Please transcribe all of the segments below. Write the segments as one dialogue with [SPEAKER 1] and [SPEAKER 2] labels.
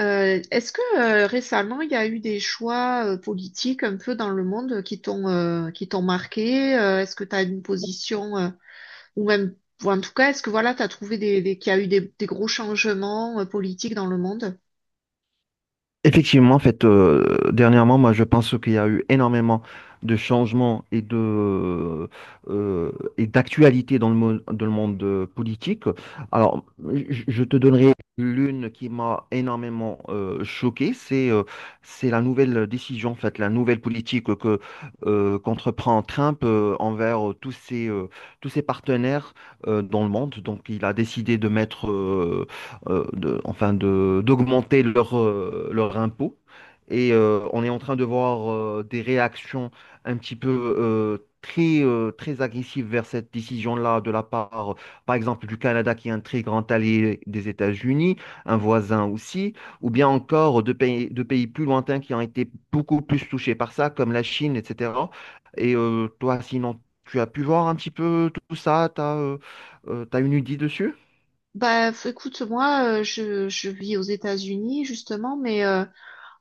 [SPEAKER 1] Est-ce que récemment il y a eu des choix politiques un peu dans le monde qui t'ont marqué? Est-ce que tu as une position ou même ou en tout cas est-ce que voilà tu as trouvé des qu'il y a eu des gros changements politiques dans le monde?
[SPEAKER 2] Effectivement, en fait, dernièrement, moi, je pense qu'il y a eu énormément de changements euh, et d'actualités dans dans le monde politique. Alors, je te donnerai l'une qui m'a énormément choqué, c'est la nouvelle décision, en fait, la nouvelle politique que qu'entreprend Trump envers tous ses partenaires dans le monde. Donc, il a décidé de mettre enfin, d'augmenter leur impôt. Et on est en train de voir des réactions un petit peu très agressives vers cette décision-là de la part, par exemple, du Canada qui est un très grand allié des États-Unis, un voisin aussi, ou bien encore de pays plus lointains qui ont été beaucoup plus touchés par ça, comme la Chine, etc. Et toi, sinon, tu as pu voir un petit peu tout ça, tu as, une idée dessus?
[SPEAKER 1] Écoute moi , je vis aux États-Unis justement mais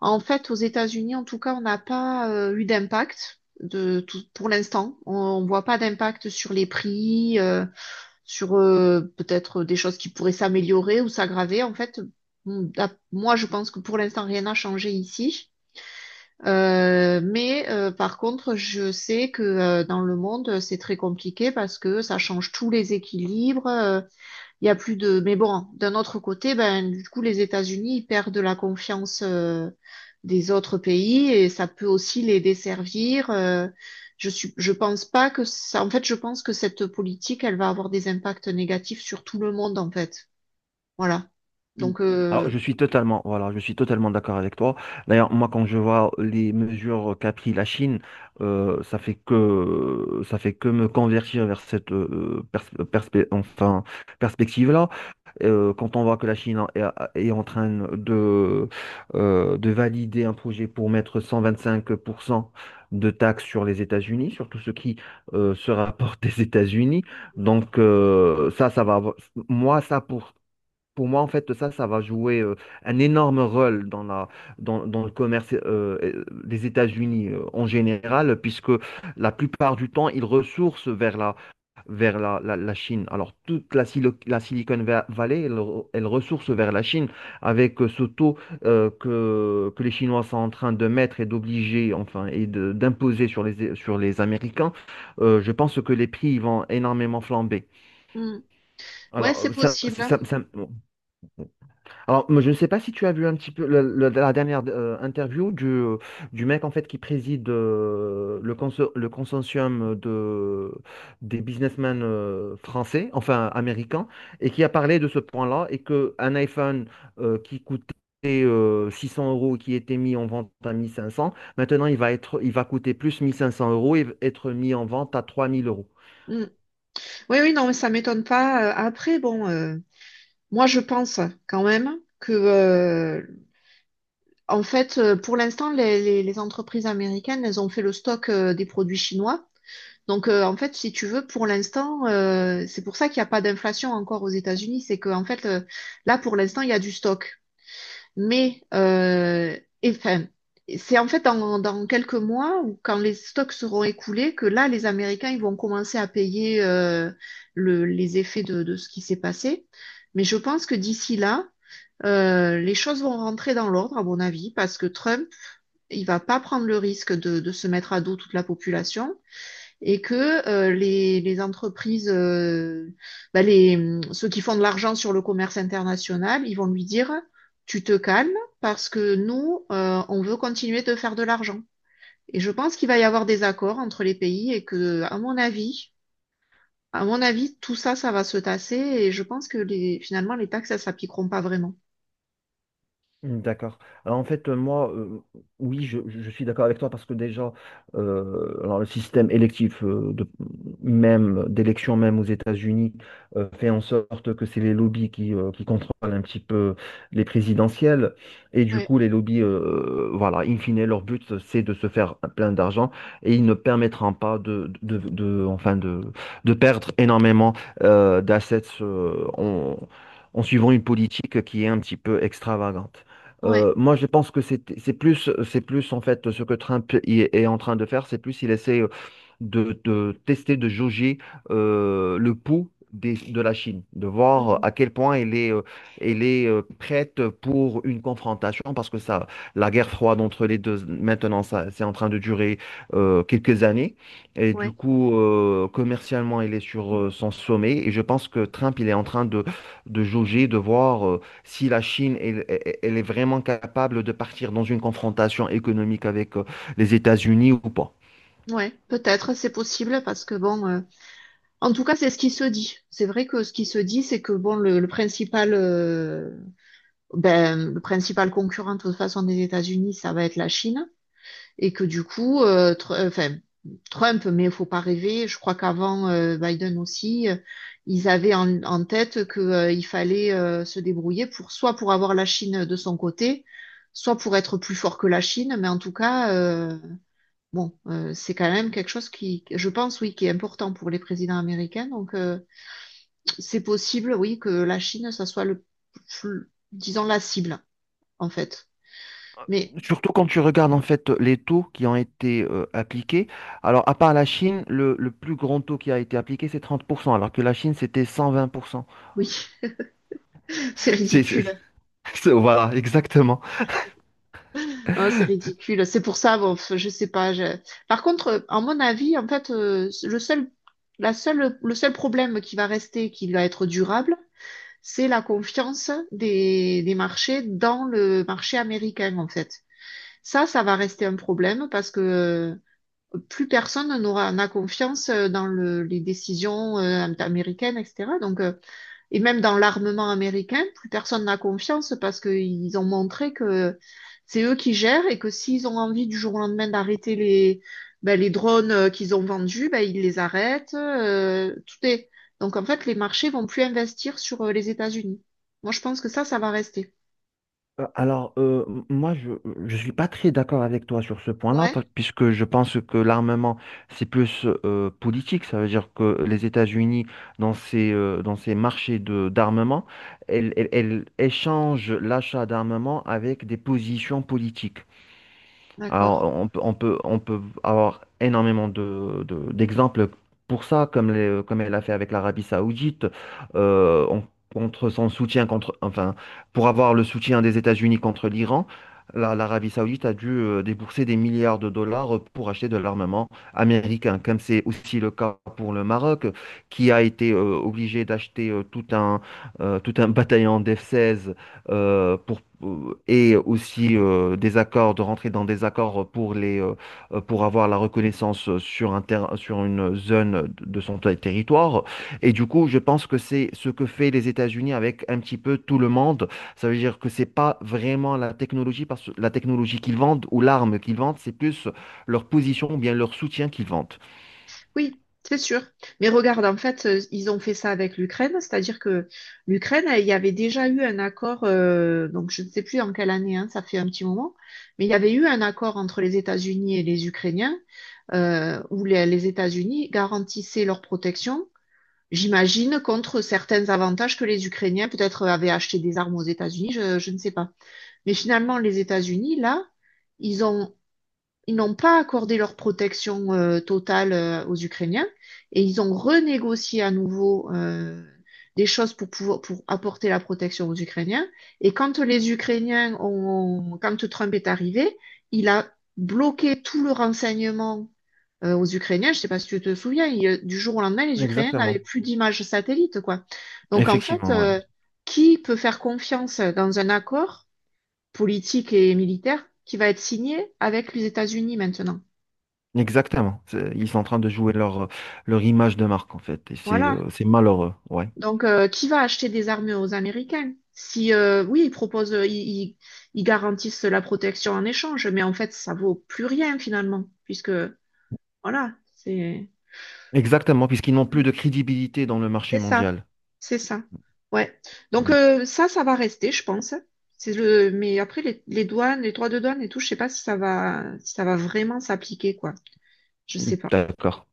[SPEAKER 1] en fait aux États-Unis en tout cas on n'a pas eu d'impact de tout pour l'instant, on voit pas d'impact sur les prix. Sur Peut-être des choses qui pourraient s'améliorer ou s'aggraver. En fait, moi, je pense que pour l'instant, rien n'a changé ici. Mais par contre, je sais que dans le monde, c'est très compliqué parce que ça change tous les équilibres. Il y a plus de. Mais bon, d'un autre côté, ben, du coup, les États-Unis ils perdent la confiance des autres pays et ça peut aussi les desservir. Je pense pas que ça. En fait, je pense que cette politique, elle va avoir des impacts négatifs sur tout le monde, en fait. Voilà.
[SPEAKER 2] Mm.
[SPEAKER 1] Donc,
[SPEAKER 2] Alors,
[SPEAKER 1] euh,
[SPEAKER 2] je suis totalement, voilà, je suis totalement d'accord avec toi. D'ailleurs, moi, quand je vois les mesures qu'a pris la Chine, ça fait que me convertir vers cette enfin, perspective-là. Quand on voit que la Chine est en train de, de valider un projet pour mettre 125% de taxes sur les États-Unis, sur tout ce qui se rapporte des États-Unis. Donc, ça, ça va avoir- moi, ça, pour moi, en fait, ça va jouer un énorme rôle dans le commerce des États-Unis en général, puisque la plupart du temps, ils ressourcent vers la Chine. Alors, toute la Silicon Valley, elle ressource vers la Chine avec ce taux que les Chinois sont en train de mettre et d'obliger, enfin, et d'imposer sur les Américains. Je pense que les prix ils vont énormément flamber.
[SPEAKER 1] hmm. Ouais, c'est
[SPEAKER 2] Alors,
[SPEAKER 1] possible, hein.
[SPEAKER 2] alors, moi, je ne sais pas si tu as vu un petit peu la dernière interview du mec en fait qui préside le consortium des businessmen français, enfin américains, et qui a parlé de ce point-là et que un iPhone qui coûtait 600 euros, qui était mis en vente à 1500, maintenant il va être, il va coûter plus 1500 euros et être mis en vente à 3000 euros.
[SPEAKER 1] Hmm. Oui, oui, non, mais ça m'étonne pas. Après, bon, moi, je pense quand même que pour l'instant, les entreprises américaines, elles ont fait le stock des produits chinois. Donc, en fait, si tu veux, pour l'instant, c'est pour ça qu'il n'y a pas d'inflation encore aux États-Unis. C'est que, en fait, là, pour l'instant, il y a du stock. Mais, c'est en fait dans quelques mois, ou quand les stocks seront écoulés, que là, les Américains, ils vont commencer à payer les effets de ce qui s'est passé. Mais je pense que d'ici là, les choses vont rentrer dans l'ordre, à mon avis, parce que Trump, il ne va pas prendre le risque de se mettre à dos toute la population et que les entreprises, ceux qui font de l'argent sur le commerce international, ils vont lui dire, tu te calmes parce que nous, on veut continuer de faire de l'argent. Et je pense qu'il va y avoir des accords entre les pays et que, à mon avis, tout ça, ça va se tasser et je pense que les, finalement, les taxes, ça s'appliqueront pas vraiment.
[SPEAKER 2] Mm, d'accord. Alors en fait, moi, oui, je suis d'accord avec toi parce que déjà, alors le système électif même d'élection même aux États-Unis fait en sorte que c'est les lobbies qui contrôlent un petit peu les présidentielles et du
[SPEAKER 1] Ouais,
[SPEAKER 2] coup les lobbies, voilà, in fine, leur but c'est de se faire plein d'argent et ils ne permettront pas enfin, de perdre énormément d'assets en suivant une politique qui est un petit peu extravagante.
[SPEAKER 1] ouais.
[SPEAKER 2] Moi, je pense que c'est plus en fait ce que Trump y est en train de faire, c'est plus il essaie de tester, de jauger le pouls de la Chine, de voir
[SPEAKER 1] Mm.
[SPEAKER 2] à quel point elle est prête pour une confrontation, parce que ça, la guerre froide entre les deux, maintenant, ça, c'est en train de durer quelques années. Et du
[SPEAKER 1] Ouais,
[SPEAKER 2] coup, commercialement, elle est sur son sommet. Et je pense que Trump, il est en train de jauger, de voir si la Chine, elle est vraiment capable de partir dans une confrontation économique avec les États-Unis ou pas.
[SPEAKER 1] ouais. Peut-être, c'est possible parce que bon. En tout cas, c'est ce qui se dit. C'est vrai que ce qui se dit, c'est que bon, le principal, le principal concurrent de toute façon des États-Unis, ça va être la Chine, et que du coup, Trump, mais il faut pas rêver. Je crois qu'avant Biden aussi, ils avaient en tête que il fallait se débrouiller pour soit pour avoir la Chine de son côté, soit pour être plus fort que la Chine. Mais en tout cas, c'est quand même quelque chose qui, je pense, oui, qui est important pour les présidents américains. Donc, c'est possible, oui, que la Chine, ça soit disons la cible, en fait. Mais
[SPEAKER 2] Surtout quand tu regardes en fait les taux qui ont été appliqués. Alors, à part la Chine, le plus grand taux qui a été appliqué, c'est 30%, alors que la Chine, c'était 120%.
[SPEAKER 1] oui, c'est
[SPEAKER 2] C'est, c'est-
[SPEAKER 1] ridicule.
[SPEAKER 2] voilà, exactement.
[SPEAKER 1] Hein, c'est ridicule. C'est pour ça, bon, je sais pas. Je- par contre, à mon avis, en fait, la seule, le seul problème qui va rester, qui va être durable, c'est la confiance des marchés dans le marché américain, en fait. Ça va rester un problème parce que plus personne n'a confiance dans le, les décisions américaines, etc. Donc, et même dans l'armement américain, plus personne n'a confiance parce qu'ils ont montré que c'est eux qui gèrent et que s'ils ont envie du jour au lendemain d'arrêter les, ben, les drones qu'ils ont vendus, ben, ils les arrêtent. Tout est... Donc, en fait, les marchés vont plus investir sur les États-Unis. Moi, je pense que ça va rester.
[SPEAKER 2] Alors, moi, je ne suis pas très d'accord avec toi sur ce point-là,
[SPEAKER 1] Ouais,
[SPEAKER 2] puisque je pense que l'armement, c'est plus politique. Ça veut dire que les États-Unis, dans ces marchés d'armement, elles échangent l'achat d'armement avec des positions politiques. Alors,
[SPEAKER 1] d'accord.
[SPEAKER 2] on peut avoir énormément d'exemples pour ça, comme elle a fait avec l'Arabie Saoudite, euh, on- contre son soutien, contre, enfin, pour avoir le soutien des États-Unis contre l'Iran, l'Arabie Saoudite a dû débourser des milliards de dollars pour acheter de l'armement américain, comme c'est aussi le cas pour le Maroc, qui a été obligé d'acheter tout un bataillon d'F-16 et aussi des accords, de rentrer dans des accords pour avoir la reconnaissance sur une zone de son territoire. Et du coup, je pense que c'est ce que fait les États-Unis avec un petit peu tout le monde. Ça veut dire que c'est pas vraiment la technologie, parce que la technologie qu'ils vendent ou l'arme qu'ils vendent, c'est plus leur position ou bien leur soutien qu'ils vendent.
[SPEAKER 1] Oui, c'est sûr. Mais regarde, en fait, ils ont fait ça avec l'Ukraine, c'est-à-dire que l'Ukraine, il y avait déjà eu un accord, donc je ne sais plus en quelle année, hein, ça fait un petit moment, mais il y avait eu un accord entre les États-Unis et les Ukrainiens, où les États-Unis garantissaient leur protection, j'imagine, contre certains avantages que les Ukrainiens peut-être avaient acheté des armes aux États-Unis, je ne sais pas. Mais finalement, les États-Unis, là, ils ont ils n'ont pas accordé leur protection totale aux Ukrainiens et ils ont renégocié à nouveau des choses pour pouvoir pour apporter la protection aux Ukrainiens. Et quand les quand Trump est arrivé, il a bloqué tout le renseignement aux Ukrainiens. Je sais pas si tu te souviens, il- du jour au lendemain, les Ukrainiens n'avaient
[SPEAKER 2] Exactement.
[SPEAKER 1] plus d'images satellites, quoi. Donc en fait,
[SPEAKER 2] Effectivement,
[SPEAKER 1] euh,
[SPEAKER 2] oui.
[SPEAKER 1] qui peut faire confiance dans un accord politique et militaire qui va être signé avec les États-Unis maintenant?
[SPEAKER 2] Exactement. Ils sont en train de jouer leur image de marque, en fait. Et c'est
[SPEAKER 1] Voilà.
[SPEAKER 2] euh, c'est malheureux, ouais.
[SPEAKER 1] Donc, qui va acheter des armes aux Américains? Si, oui, ils proposent, ils- ils garantissent la protection en échange, mais en fait, ça vaut plus rien finalement, puisque, voilà,
[SPEAKER 2] Exactement, puisqu'ils n'ont plus de crédibilité dans le marché
[SPEAKER 1] c'est ça.
[SPEAKER 2] mondial.
[SPEAKER 1] C'est ça. Ouais. Donc,
[SPEAKER 2] Euh,
[SPEAKER 1] euh, ça, ça va rester, je pense. C'est le, mais après, les douanes, les droits de douane et tout, je sais pas si ça va, si ça va vraiment s'appliquer, quoi. Je sais pas.
[SPEAKER 2] D'accord.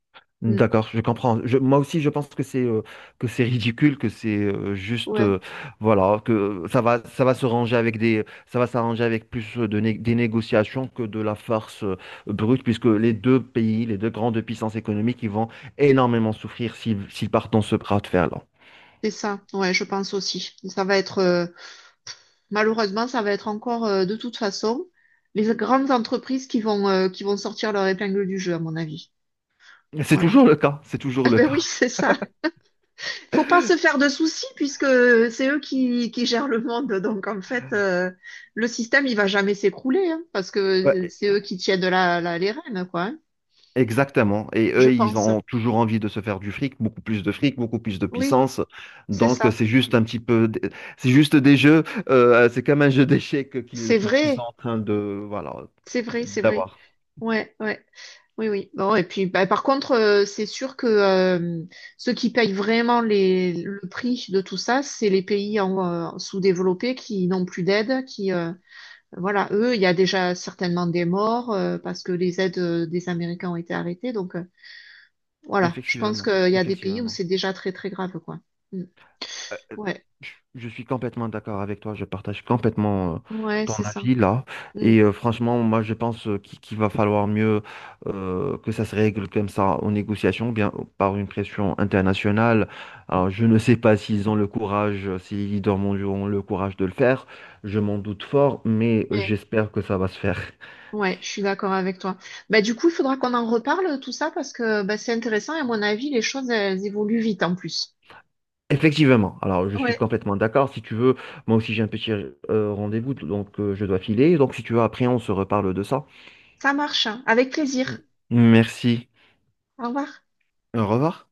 [SPEAKER 1] Mm.
[SPEAKER 2] D'accord, je comprends. Moi aussi, je pense que c'est ridicule, que c'est juste,
[SPEAKER 1] Ouais.
[SPEAKER 2] voilà, que ça va s'arranger avec plus des négociations que de la farce brute, puisque les deux pays, les deux grandes puissances économiques, ils vont énormément souffrir s'ils partent dans ce bras de fer-là.
[SPEAKER 1] C'est ça. Ouais, je pense aussi. Malheureusement, ça va être encore de toute façon les grandes entreprises qui vont sortir leur épingle du jeu, à mon avis.
[SPEAKER 2] C'est
[SPEAKER 1] Voilà.
[SPEAKER 2] toujours le cas, c'est toujours
[SPEAKER 1] Eh
[SPEAKER 2] le
[SPEAKER 1] ben oui,
[SPEAKER 2] cas.
[SPEAKER 1] c'est ça. Faut pas se faire de soucis puisque c'est eux qui gèrent le monde. Le système, il va jamais s'écrouler hein, parce que
[SPEAKER 2] Ouais,
[SPEAKER 1] c'est eux qui tiennent la, les rênes, quoi. Hein,
[SPEAKER 2] exactement. Et
[SPEAKER 1] je
[SPEAKER 2] eux, ils
[SPEAKER 1] pense.
[SPEAKER 2] ont toujours envie de se faire du fric, beaucoup plus de fric, beaucoup plus de
[SPEAKER 1] Oui,
[SPEAKER 2] puissance.
[SPEAKER 1] c'est
[SPEAKER 2] Donc,
[SPEAKER 1] ça.
[SPEAKER 2] c'est juste un petit peu, c'est juste des jeux, c'est comme un jeu d'échecs qu'ils
[SPEAKER 1] C'est
[SPEAKER 2] qu'ils- qu'ils sont
[SPEAKER 1] vrai.
[SPEAKER 2] en train voilà,
[SPEAKER 1] C'est vrai, c'est vrai.
[SPEAKER 2] d'avoir.
[SPEAKER 1] Ouais, ouais. Oui, oui. Bon, et puis, bah, par contre, c'est sûr que ceux qui payent vraiment les, le prix de tout ça, c'est les pays en, sous-développés qui n'ont plus d'aide, qui, voilà, eux, il y a déjà certainement des morts parce que les aides des Américains ont été arrêtées. Donc, voilà, je pense
[SPEAKER 2] Effectivement,
[SPEAKER 1] qu'il y a des pays où
[SPEAKER 2] effectivement.
[SPEAKER 1] c'est déjà très, très grave, quoi. Mm.
[SPEAKER 2] Euh,
[SPEAKER 1] Ouais,
[SPEAKER 2] Je suis complètement d'accord avec toi, je partage complètement
[SPEAKER 1] ouais,
[SPEAKER 2] ton
[SPEAKER 1] c'est ça.
[SPEAKER 2] avis là.
[SPEAKER 1] Mm.
[SPEAKER 2] Et franchement, moi je pense qu'il va falloir mieux que ça se règle comme ça en négociation, bien par une pression internationale. Alors je ne sais pas s'ils ont le courage, si les leaders mondiaux ont le courage de le faire, je m'en doute fort, mais
[SPEAKER 1] Mais,
[SPEAKER 2] j'espère que ça va se faire.
[SPEAKER 1] ouais, je suis d'accord avec toi. Bah, du coup, il faudra qu'on en reparle, tout ça, parce que bah, c'est intéressant et à mon avis, les choses, elles évoluent vite en plus.
[SPEAKER 2] Effectivement, alors je suis
[SPEAKER 1] Ouais.
[SPEAKER 2] complètement d'accord. Si tu veux, moi aussi j'ai un petit rendez-vous, donc je dois filer. Donc si tu veux, après on se reparle de ça.
[SPEAKER 1] Ça marche, hein. Avec
[SPEAKER 2] Mm.
[SPEAKER 1] plaisir.
[SPEAKER 2] Merci.
[SPEAKER 1] Au revoir.
[SPEAKER 2] Au revoir.